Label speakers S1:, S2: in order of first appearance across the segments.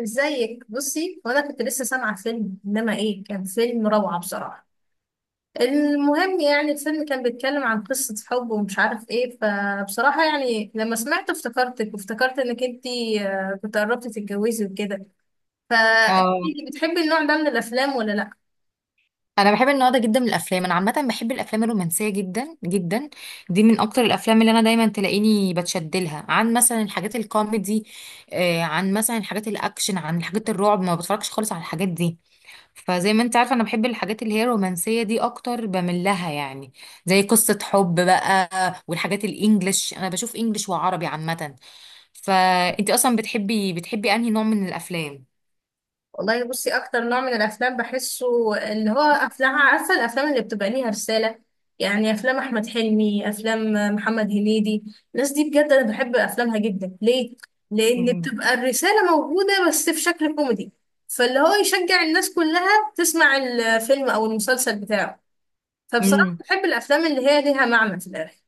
S1: ازيك؟ بصي، وانا كنت لسه سامعه فيلم، انما ايه، كان فيلم روعه بصراحه. المهم، يعني الفيلم كان بيتكلم عن قصه حب ومش عارف ايه، فبصراحه يعني لما سمعته افتكرتك وافتكرت انك انتي كنت قربتي تتجوزي وكده.
S2: اه.
S1: فانتي بتحبي النوع ده من الافلام ولا لا؟
S2: انا بحب النوع ده جدا من الافلام، انا عامه بحب الافلام الرومانسيه جدا جدا. دي من اكتر الافلام اللي انا دايما تلاقيني بتشد لها، عن مثلا الحاجات الكوميدي، عن مثلا الحاجات الاكشن، عن حاجات الرعب ما بتفرجش خالص على الحاجات دي. فزي ما انت عارفه انا بحب الحاجات اللي هي الرومانسيه دي اكتر، بميل لها يعني. زي قصه حب بقى. والحاجات الانجليش انا بشوف انجليش وعربي عامه. فانت اصلا بتحبي انهي نوع من الافلام؟
S1: والله بصي، اكتر نوع من الافلام بحسه اللي هو افلام، عارفه؟ الافلام اللي بتبقى ليها رساله. يعني افلام احمد حلمي، افلام محمد هنيدي. الناس دي بجد انا بحب افلامها جدا، ليه؟ لان بتبقى الرساله موجوده بس في شكل كوميدي، فاللي هو يشجع الناس كلها تسمع الفيلم او المسلسل بتاعه. فبصراحه
S2: امم.
S1: بحب الافلام اللي هي ليها معنى في الاخر.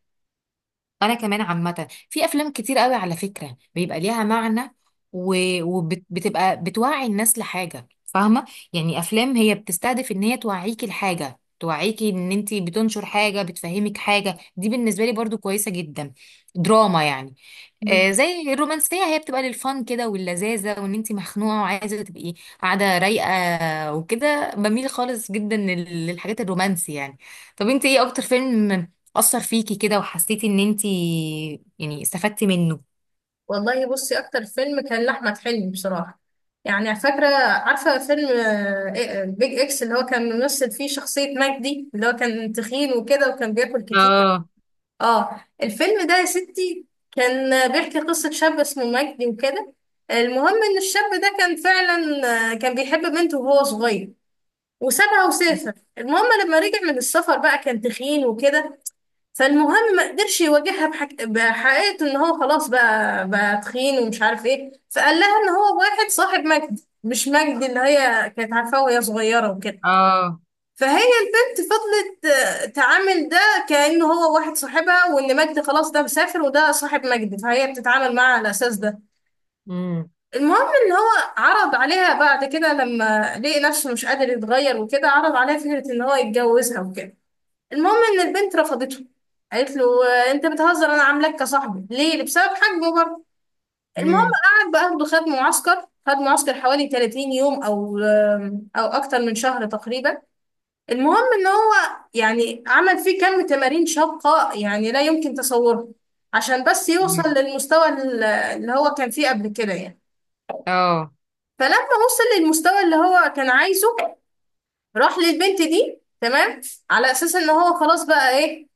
S2: انا كمان عامه في افلام كتير قوي على فكره بيبقى ليها معنى، وبتبقى بتوعي الناس لحاجه، فاهمه؟ يعني افلام هي بتستهدف ان هي توعيكي لحاجه، توعيكي ان انت بتنشر حاجه، بتفهمك حاجه، دي بالنسبه لي برضو كويسه جدا. دراما يعني. زي الرومانسية، هي بتبقى للفن كده واللذاذة، وان انتي مخنوقة وعايزة تبقي قاعدة رايقة وكده، بميل خالص جدا للحاجات الرومانسي يعني. طب انتي ايه اكتر فيلم أثر فيكي كده وحسيتي ان انتي يعني استفدتي منه؟
S1: والله بصي، اكتر فيلم كان لاحمد حلمي بصراحه. يعني فاكره، عارفه فيلم بيج اكس، اللي هو كان ممثل فيه شخصيه مجدي، اللي هو كان تخين وكده وكان بياكل كتير.
S2: اه.
S1: اه الفيلم ده يا ستي، كان بيحكي قصه شاب اسمه مجدي وكده. المهم ان الشاب ده كان فعلا، كان بيحب بنته وهو صغير، وسابها وسافر. المهم لما رجع من السفر بقى كان تخين وكده، فالمهم ما قدرش يواجهها بحقيقة ان هو خلاص بقى تخين ومش عارف ايه، فقال لها ان هو واحد صاحب مجدي مش مجدي اللي هي كانت عارفاه وهي صغيرة وكده.
S2: اه.
S1: فهي البنت فضلت تعامل ده كأنه هو واحد صاحبها، وان مجدي خلاص ده مسافر وده صاحب مجدي، فهي بتتعامل معاه على اساس ده.
S2: امم.
S1: المهم ان هو عرض عليها بعد كده لما لقي نفسه مش قادر يتغير وكده، عرض عليها فكرة ان هو يتجوزها وكده. المهم ان البنت رفضته، قالت له: انت بتهزر؟ انا عاملاك كصاحبي ليه؟ بسبب حجمه برضه. المهم،
S2: امم.
S1: قعد بقى اخده خد معسكر حوالي 30 يوم او اكتر من شهر تقريبا. المهم ان هو يعني عمل فيه كم تمارين شاقة، يعني لا يمكن تصوره، عشان بس يوصل للمستوى اللي هو كان فيه قبل كده يعني.
S2: اه.
S1: فلما وصل للمستوى اللي هو كان عايزه، راح للبنت دي، تمام. على اساس ان هو خلاص بقى ايه،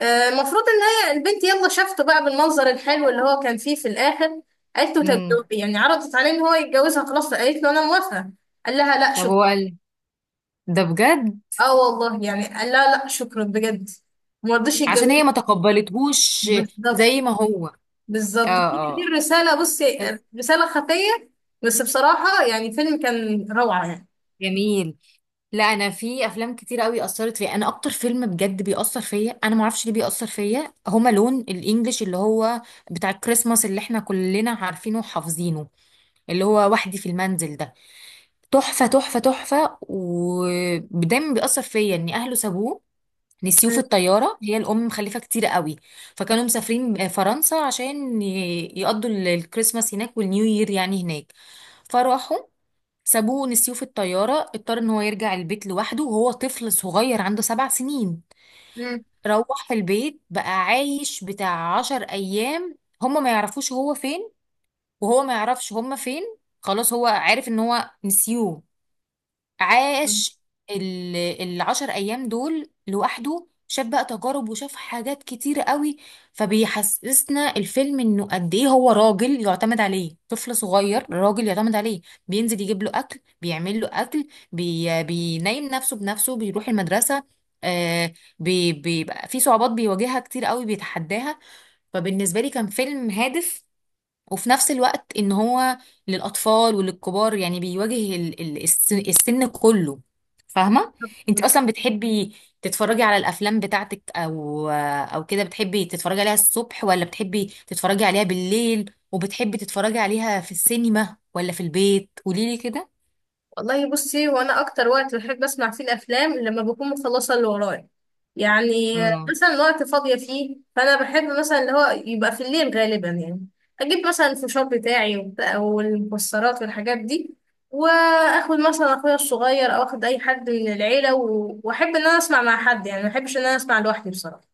S1: المفروض ان هي البنت يلا شافته بقى بالمنظر الحلو اللي هو كان فيه في الاخر. قالت له: طب
S2: امم.
S1: يعني عرضت عليه ان هو يتجوزها، خلاص قالت له انا موافقه. قال لها: لا
S2: طب هو
S1: شكرا.
S2: قال ده بجد؟
S1: اه والله، يعني قال لها لا شكرا بجد. ما رضيش
S2: عشان
S1: يتجوزها.
S2: هي ما تقبلتهوش
S1: بالظبط.
S2: زي ما هو. اه،
S1: بالظبط، هي دي
S2: اه.
S1: الرساله
S2: بس.
S1: بصي، رساله خفيه. بس بصراحه يعني فيلم كان روعه يعني.
S2: جميل. لا، انا في افلام كتير قوي اثرت فيا، انا اكتر فيلم بجد بيأثر فيا، انا ما اعرفش ليه بيأثر فيا، هما لون الانجليش اللي هو بتاع الكريسماس اللي احنا كلنا عارفينه وحافظينه، اللي هو وحدي في المنزل ده. تحفة تحفة تحفة. ودايما بيأثر فيا ان اهله سابوه، نسيوه في الطيارة، هي الأم مخلفة كتير قوي. فكانوا مسافرين فرنسا عشان يقضوا الكريسماس هناك والنيو يير يعني هناك. فراحوا سابوه ونسيوه في الطيارة، اضطر ان هو يرجع البيت لوحده وهو طفل صغير عنده 7 سنين.
S1: مم.
S2: روح في البيت بقى عايش بتاع 10 ايام، هما ما يعرفوش هو فين، وهو ما يعرفش هما فين. خلاص هو عارف ان هو نسيوه.
S1: مم.
S2: عاش ال- ال10 ايام دول لوحده، شاف بقى تجارب وشاف حاجات كتيرة قوي. فبيحسسنا الفيلم انه قد ايه هو راجل يعتمد عليه، طفل صغير راجل يعتمد عليه. بينزل يجيب له اكل، بيعمل له اكل، بينيم نفسه بنفسه، بيروح المدرسة. آه بي بيبقى في صعوبات بيواجهها كتير قوي، بيتحداها. فبالنسبة لي كان فيلم هادف، وفي نفس الوقت ان هو للاطفال وللكبار يعني، بيواجه السن كله، فاهمه؟ انت اصلا بتحبي تتفرجي على الافلام بتاعتك، او كده، بتحبي تتفرجي عليها الصبح ولا بتحبي تتفرجي عليها بالليل، وبتحبي تتفرجي عليها في السينما ولا في البيت؟ قوليلي كده.
S1: والله بصي، وانا اكتر وقت بحب اسمع فيه الافلام لما بكون مخلصه اللي ورايا، يعني
S2: اه.
S1: مثلا وقت فاضيه فيه، فانا بحب مثلا اللي هو يبقى في الليل غالبا يعني. اجيب مثلا الفشار بتاعي والمكسرات والحاجات دي. واخد مثلا اخويا الصغير او اخد اي حد من العيله واحب ان انا اسمع مع حد، يعني ما بحبش ان انا اسمع لوحدي بصراحه.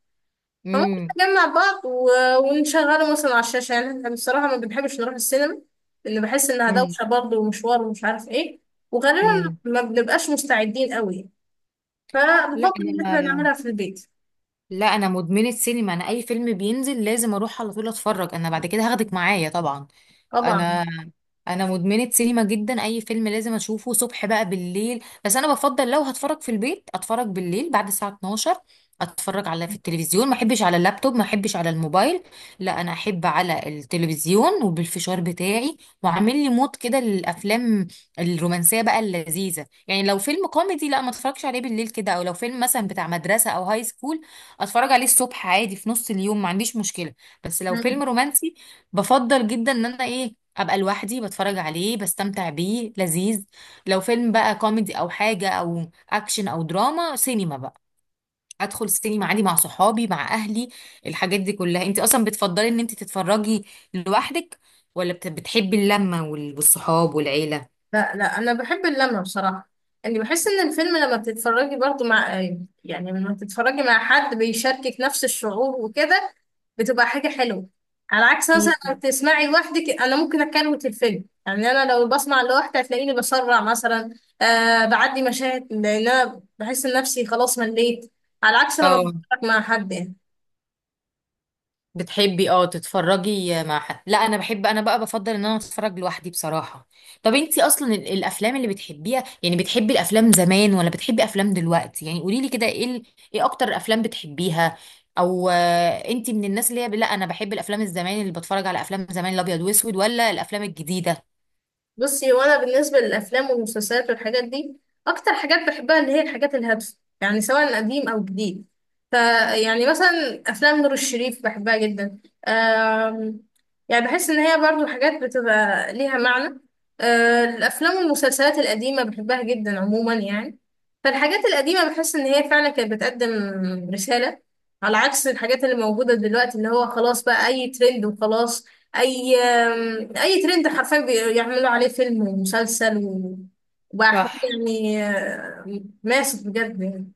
S1: فممكن
S2: امم.
S1: نجمع بعض ونشغله مثلا على الشاشة، يعني احنا بصراحة ما بنحبش نروح السينما. لأن بحس إنها
S2: امم.
S1: دوشة برضه ومشوار ومش عارف ايه، وغالبا
S2: امم.
S1: ما بنبقاش مستعدين قوي،
S2: لا
S1: فبفضل إن احنا
S2: انا
S1: نعملها في البيت.
S2: لا انا مدمنه سينما، انا اي فيلم بينزل لازم اروح على طول اتفرج، انا بعد كده هاخدك معايا طبعا.
S1: طبعا.
S2: انا انا مدمنه سينما جدا، اي فيلم لازم اشوفه، صبح بقى بالليل، بس انا بفضل لو هتفرج في البيت اتفرج بالليل بعد الساعه 12. اتفرج على في التلفزيون، ما احبش على اللابتوب، ما احبش على الموبايل، لا انا احب على التلفزيون وبالفشار بتاعي، وعامل لي مود كده للافلام الرومانسيه بقى اللذيذه. يعني لو فيلم كوميدي لا، ما اتفرجش عليه بالليل كده، او لو فيلم مثلا بتاع مدرسه او هاي سكول اتفرج عليه الصبح عادي في نص اليوم، ما عنديش مشكله. بس لو
S1: مم.
S2: فيلم رومانسي بفضل جدا ان انا ايه ابقى لوحدي بتفرج عليه، بستمتع بيه، لذيذ. لو فيلم بقى كوميدي او حاجه او اكشن او دراما، سينما بقى، ادخل السينما عادي مع صحابي مع اهلي. الحاجات دي كلها. انت اصلا بتفضلي ان انت تتفرجي لوحدك ولا بتحبي اللمه والصحاب والعيله؟
S1: لا، لا، أنا بحب اللمة بصراحة. يعني بحس إن الفيلم لما بتتفرجي برضه مع، يعني لما بتتفرجي مع حد بيشاركك نفس الشعور وكده، بتبقى حاجة حلوة. على عكس مثلا لو
S2: مم.
S1: تسمعي لوحدك، انا ممكن اكروت الفيلم، يعني انا لو بسمع لوحدي هتلاقيني بسرع مثلا بعدي مشاهد، لان انا بحس ان نفسي خلاص مليت. على عكس لما
S2: اه،
S1: بتفرج مع حد يعني.
S2: بتحبي اه تتفرجي مع حد. لا انا بحب، انا بقى بفضل ان انا اتفرج لوحدي بصراحة. طب انتي اصلا الافلام اللي بتحبيها يعني، بتحبي الافلام زمان ولا بتحبي افلام دلوقتي؟ يعني قوليلي كده، ايه ايه اكتر افلام بتحبيها، او انتي من الناس اللي هي لا انا بحب الافلام الزمان، اللي بتفرج على افلام زمان الابيض واسود ولا الافلام الجديدة؟
S1: بصي، هو انا بالنسبه للافلام والمسلسلات والحاجات دي، اكتر حاجات بحبها اللي هي الحاجات الهادفه، يعني سواء قديم او جديد. ف يعني مثلا افلام نور الشريف بحبها جدا. أم... يعني بحس ان هي برضو حاجات بتبقى ليها معنى. الافلام والمسلسلات القديمه بحبها جدا عموما يعني. فالحاجات القديمه بحس ان هي فعلا كانت بتقدم رساله، على عكس الحاجات اللي موجوده دلوقتي، اللي هو خلاص بقى اي ترند وخلاص. اي اي ترند حرفيا، بيعملوا عليه فيلم ومسلسل وبقى حوار
S2: صح.
S1: يعني، ماسك بجد.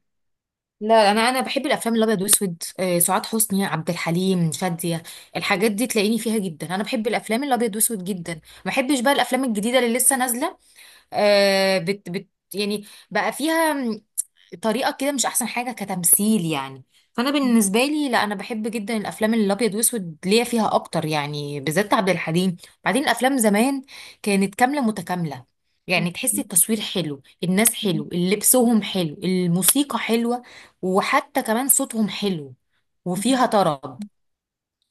S2: لا، انا بحب الافلام الابيض واسود، سعاد حسني، عبد الحليم، شاديه، الحاجات دي تلاقيني فيها جدا، انا بحب الافلام الابيض واسود جدا. ما بحبش بقى الافلام الجديده اللي لسه نازله، آه بت بت يعني بقى فيها طريقه كده مش احسن حاجه كتمثيل يعني. فانا بالنسبه لي لا، انا بحب جدا الافلام اللي الابيض واسود، ليا فيها اكتر يعني، بالذات عبد الحليم. بعدين الافلام زمان كانت كامله متكامله، يعني تحسي التصوير حلو، الناس حلو لبسهم، حلو الموسيقى حلوه، وحتى كمان صوتهم حلو وفيها طرب.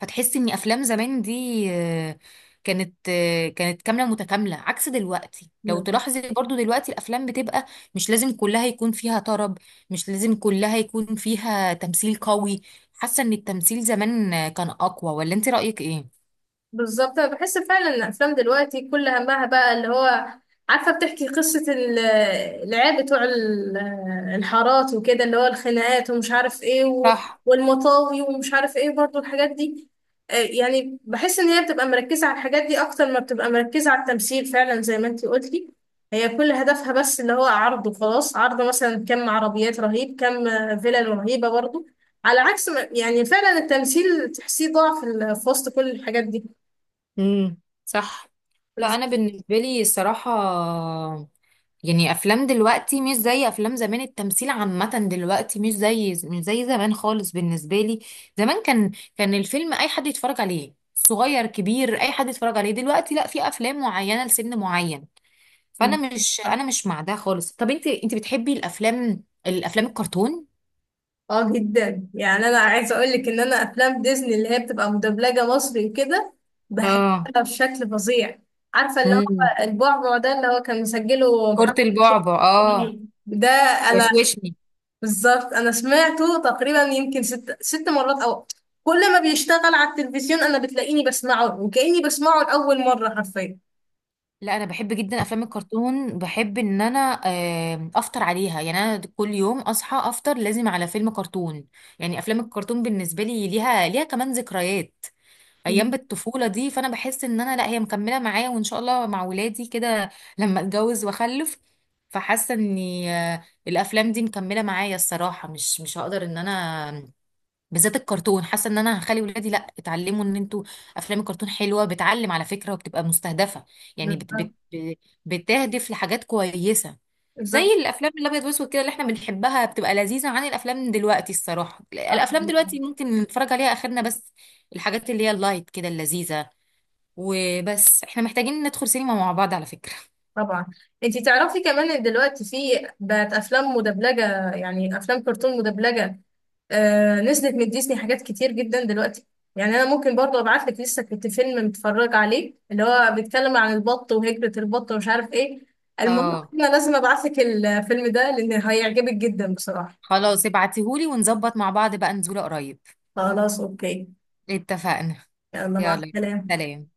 S2: فتحسي ان افلام زمان دي آه، كانت كامله متكامله، عكس دلوقتي. لو
S1: يعني
S2: تلاحظي برضو دلوقتي الافلام بتبقى مش لازم كلها يكون فيها طرب، مش لازم كلها يكون فيها تمثيل قوي. حاسه ان التمثيل زمان كان اقوى، ولا انت رايك ايه؟
S1: بالظبط، انا بحس فعلا ان الافلام دلوقتي كل همها بقى اللي هو عارفه، بتحكي قصه العيال بتوع الحارات وكده، اللي هو الخناقات ومش عارف ايه
S2: صح.
S1: والمطاوي ومش عارف ايه برضو الحاجات دي. يعني بحس ان هي بتبقى مركزه على الحاجات دي اكتر ما بتبقى مركزه على التمثيل، فعلا زي ما انتي قلتي. هي كل هدفها بس اللي هو عرض وخلاص، عرض مثلا كم عربيات رهيب، كم فيلل رهيبه برضو. على عكس يعني فعلا التمثيل تحسيه ضعف في وسط كل الحاجات دي.
S2: امم. صح. لا انا بالنسبه لي الصراحه يعني افلام دلوقتي مش زي افلام زمان، التمثيل عامه دلوقتي مش زي زمان خالص بالنسبه لي. زمان كان الفيلم اي حد يتفرج عليه، صغير كبير اي حد يتفرج عليه. دلوقتي لا، في افلام معينه لسن معين. فانا مش انا مش مع ده خالص. طب انت بتحبي الافلام الكرتون؟
S1: اه جدا، يعني انا عايزه اقول لك ان انا افلام ديزني اللي هي بتبقى مدبلجه مصري وكده،
S2: اه.
S1: بحبها بشكل فظيع. عارفه اللي هو
S2: امم.
S1: البعبع ده، اللي هو كان مسجله
S2: كرة
S1: محمد
S2: البعبع، اه.
S1: إسماعيل ده. انا
S2: وشوشني.
S1: بالظبط، انا سمعته تقريبا يمكن ست ست مرات، او كل ما بيشتغل على التلفزيون انا بتلاقيني بسمعه وكاني بسمعه لاول مره حرفيا.
S2: لا، انا بحب جدا افلام الكرتون، بحب ان انا افطر عليها، يعني انا كل يوم اصحى افطر لازم على فيلم كرتون. يعني افلام الكرتون بالنسبه لي ليها كمان ذكريات ايام بالطفوله دي، فانا بحس ان انا لا، هي مكمله معايا، وان شاء الله مع ولادي كده لما اتجوز واخلف. فحاسه ان الافلام دي مكمله معايا الصراحه، مش هقدر ان انا آمم، بالذات الكرتون. حاسه ان انا هخلي ولادي لا، اتعلموا ان انتوا افلام الكرتون حلوه، بتعلم على فكره وبتبقى مستهدفه، يعني بت بت
S1: بالظبط.
S2: بتهدف لحاجات كويسه. زي
S1: بالظبط.
S2: الافلام الابيض واسود كده اللي احنا بنحبها، بتبقى لذيذه عن الافلام دلوقتي. الصراحه
S1: صح.
S2: الافلام دلوقتي ممكن نتفرج عليها اخرنا بس، الحاجات اللي هي اللايت كده اللذيذه. وبس، احنا محتاجين ندخل سينما مع بعض على فكره.
S1: طبعا. انتي تعرفي كمان ان دلوقتي في، بقت افلام مدبلجه، يعني افلام كرتون مدبلجه. نزلت من ديزني حاجات كتير جدا دلوقتي. يعني انا ممكن برضه ابعت لك، لسه كنت فيلم متفرج عليه اللي هو بيتكلم عن البط وهجرة البط ومش عارف ايه. المهم،
S2: اه،
S1: انا لازم ابعت لك الفيلم ده لان هيعجبك جدا بصراحه.
S2: خلاص ابعتيهولي، ونظبط مع بعض بقى نزوله قريب.
S1: خلاص، اوكي.
S2: اتفقنا.
S1: يلا مع
S2: يلا،
S1: السلامه.
S2: سلام.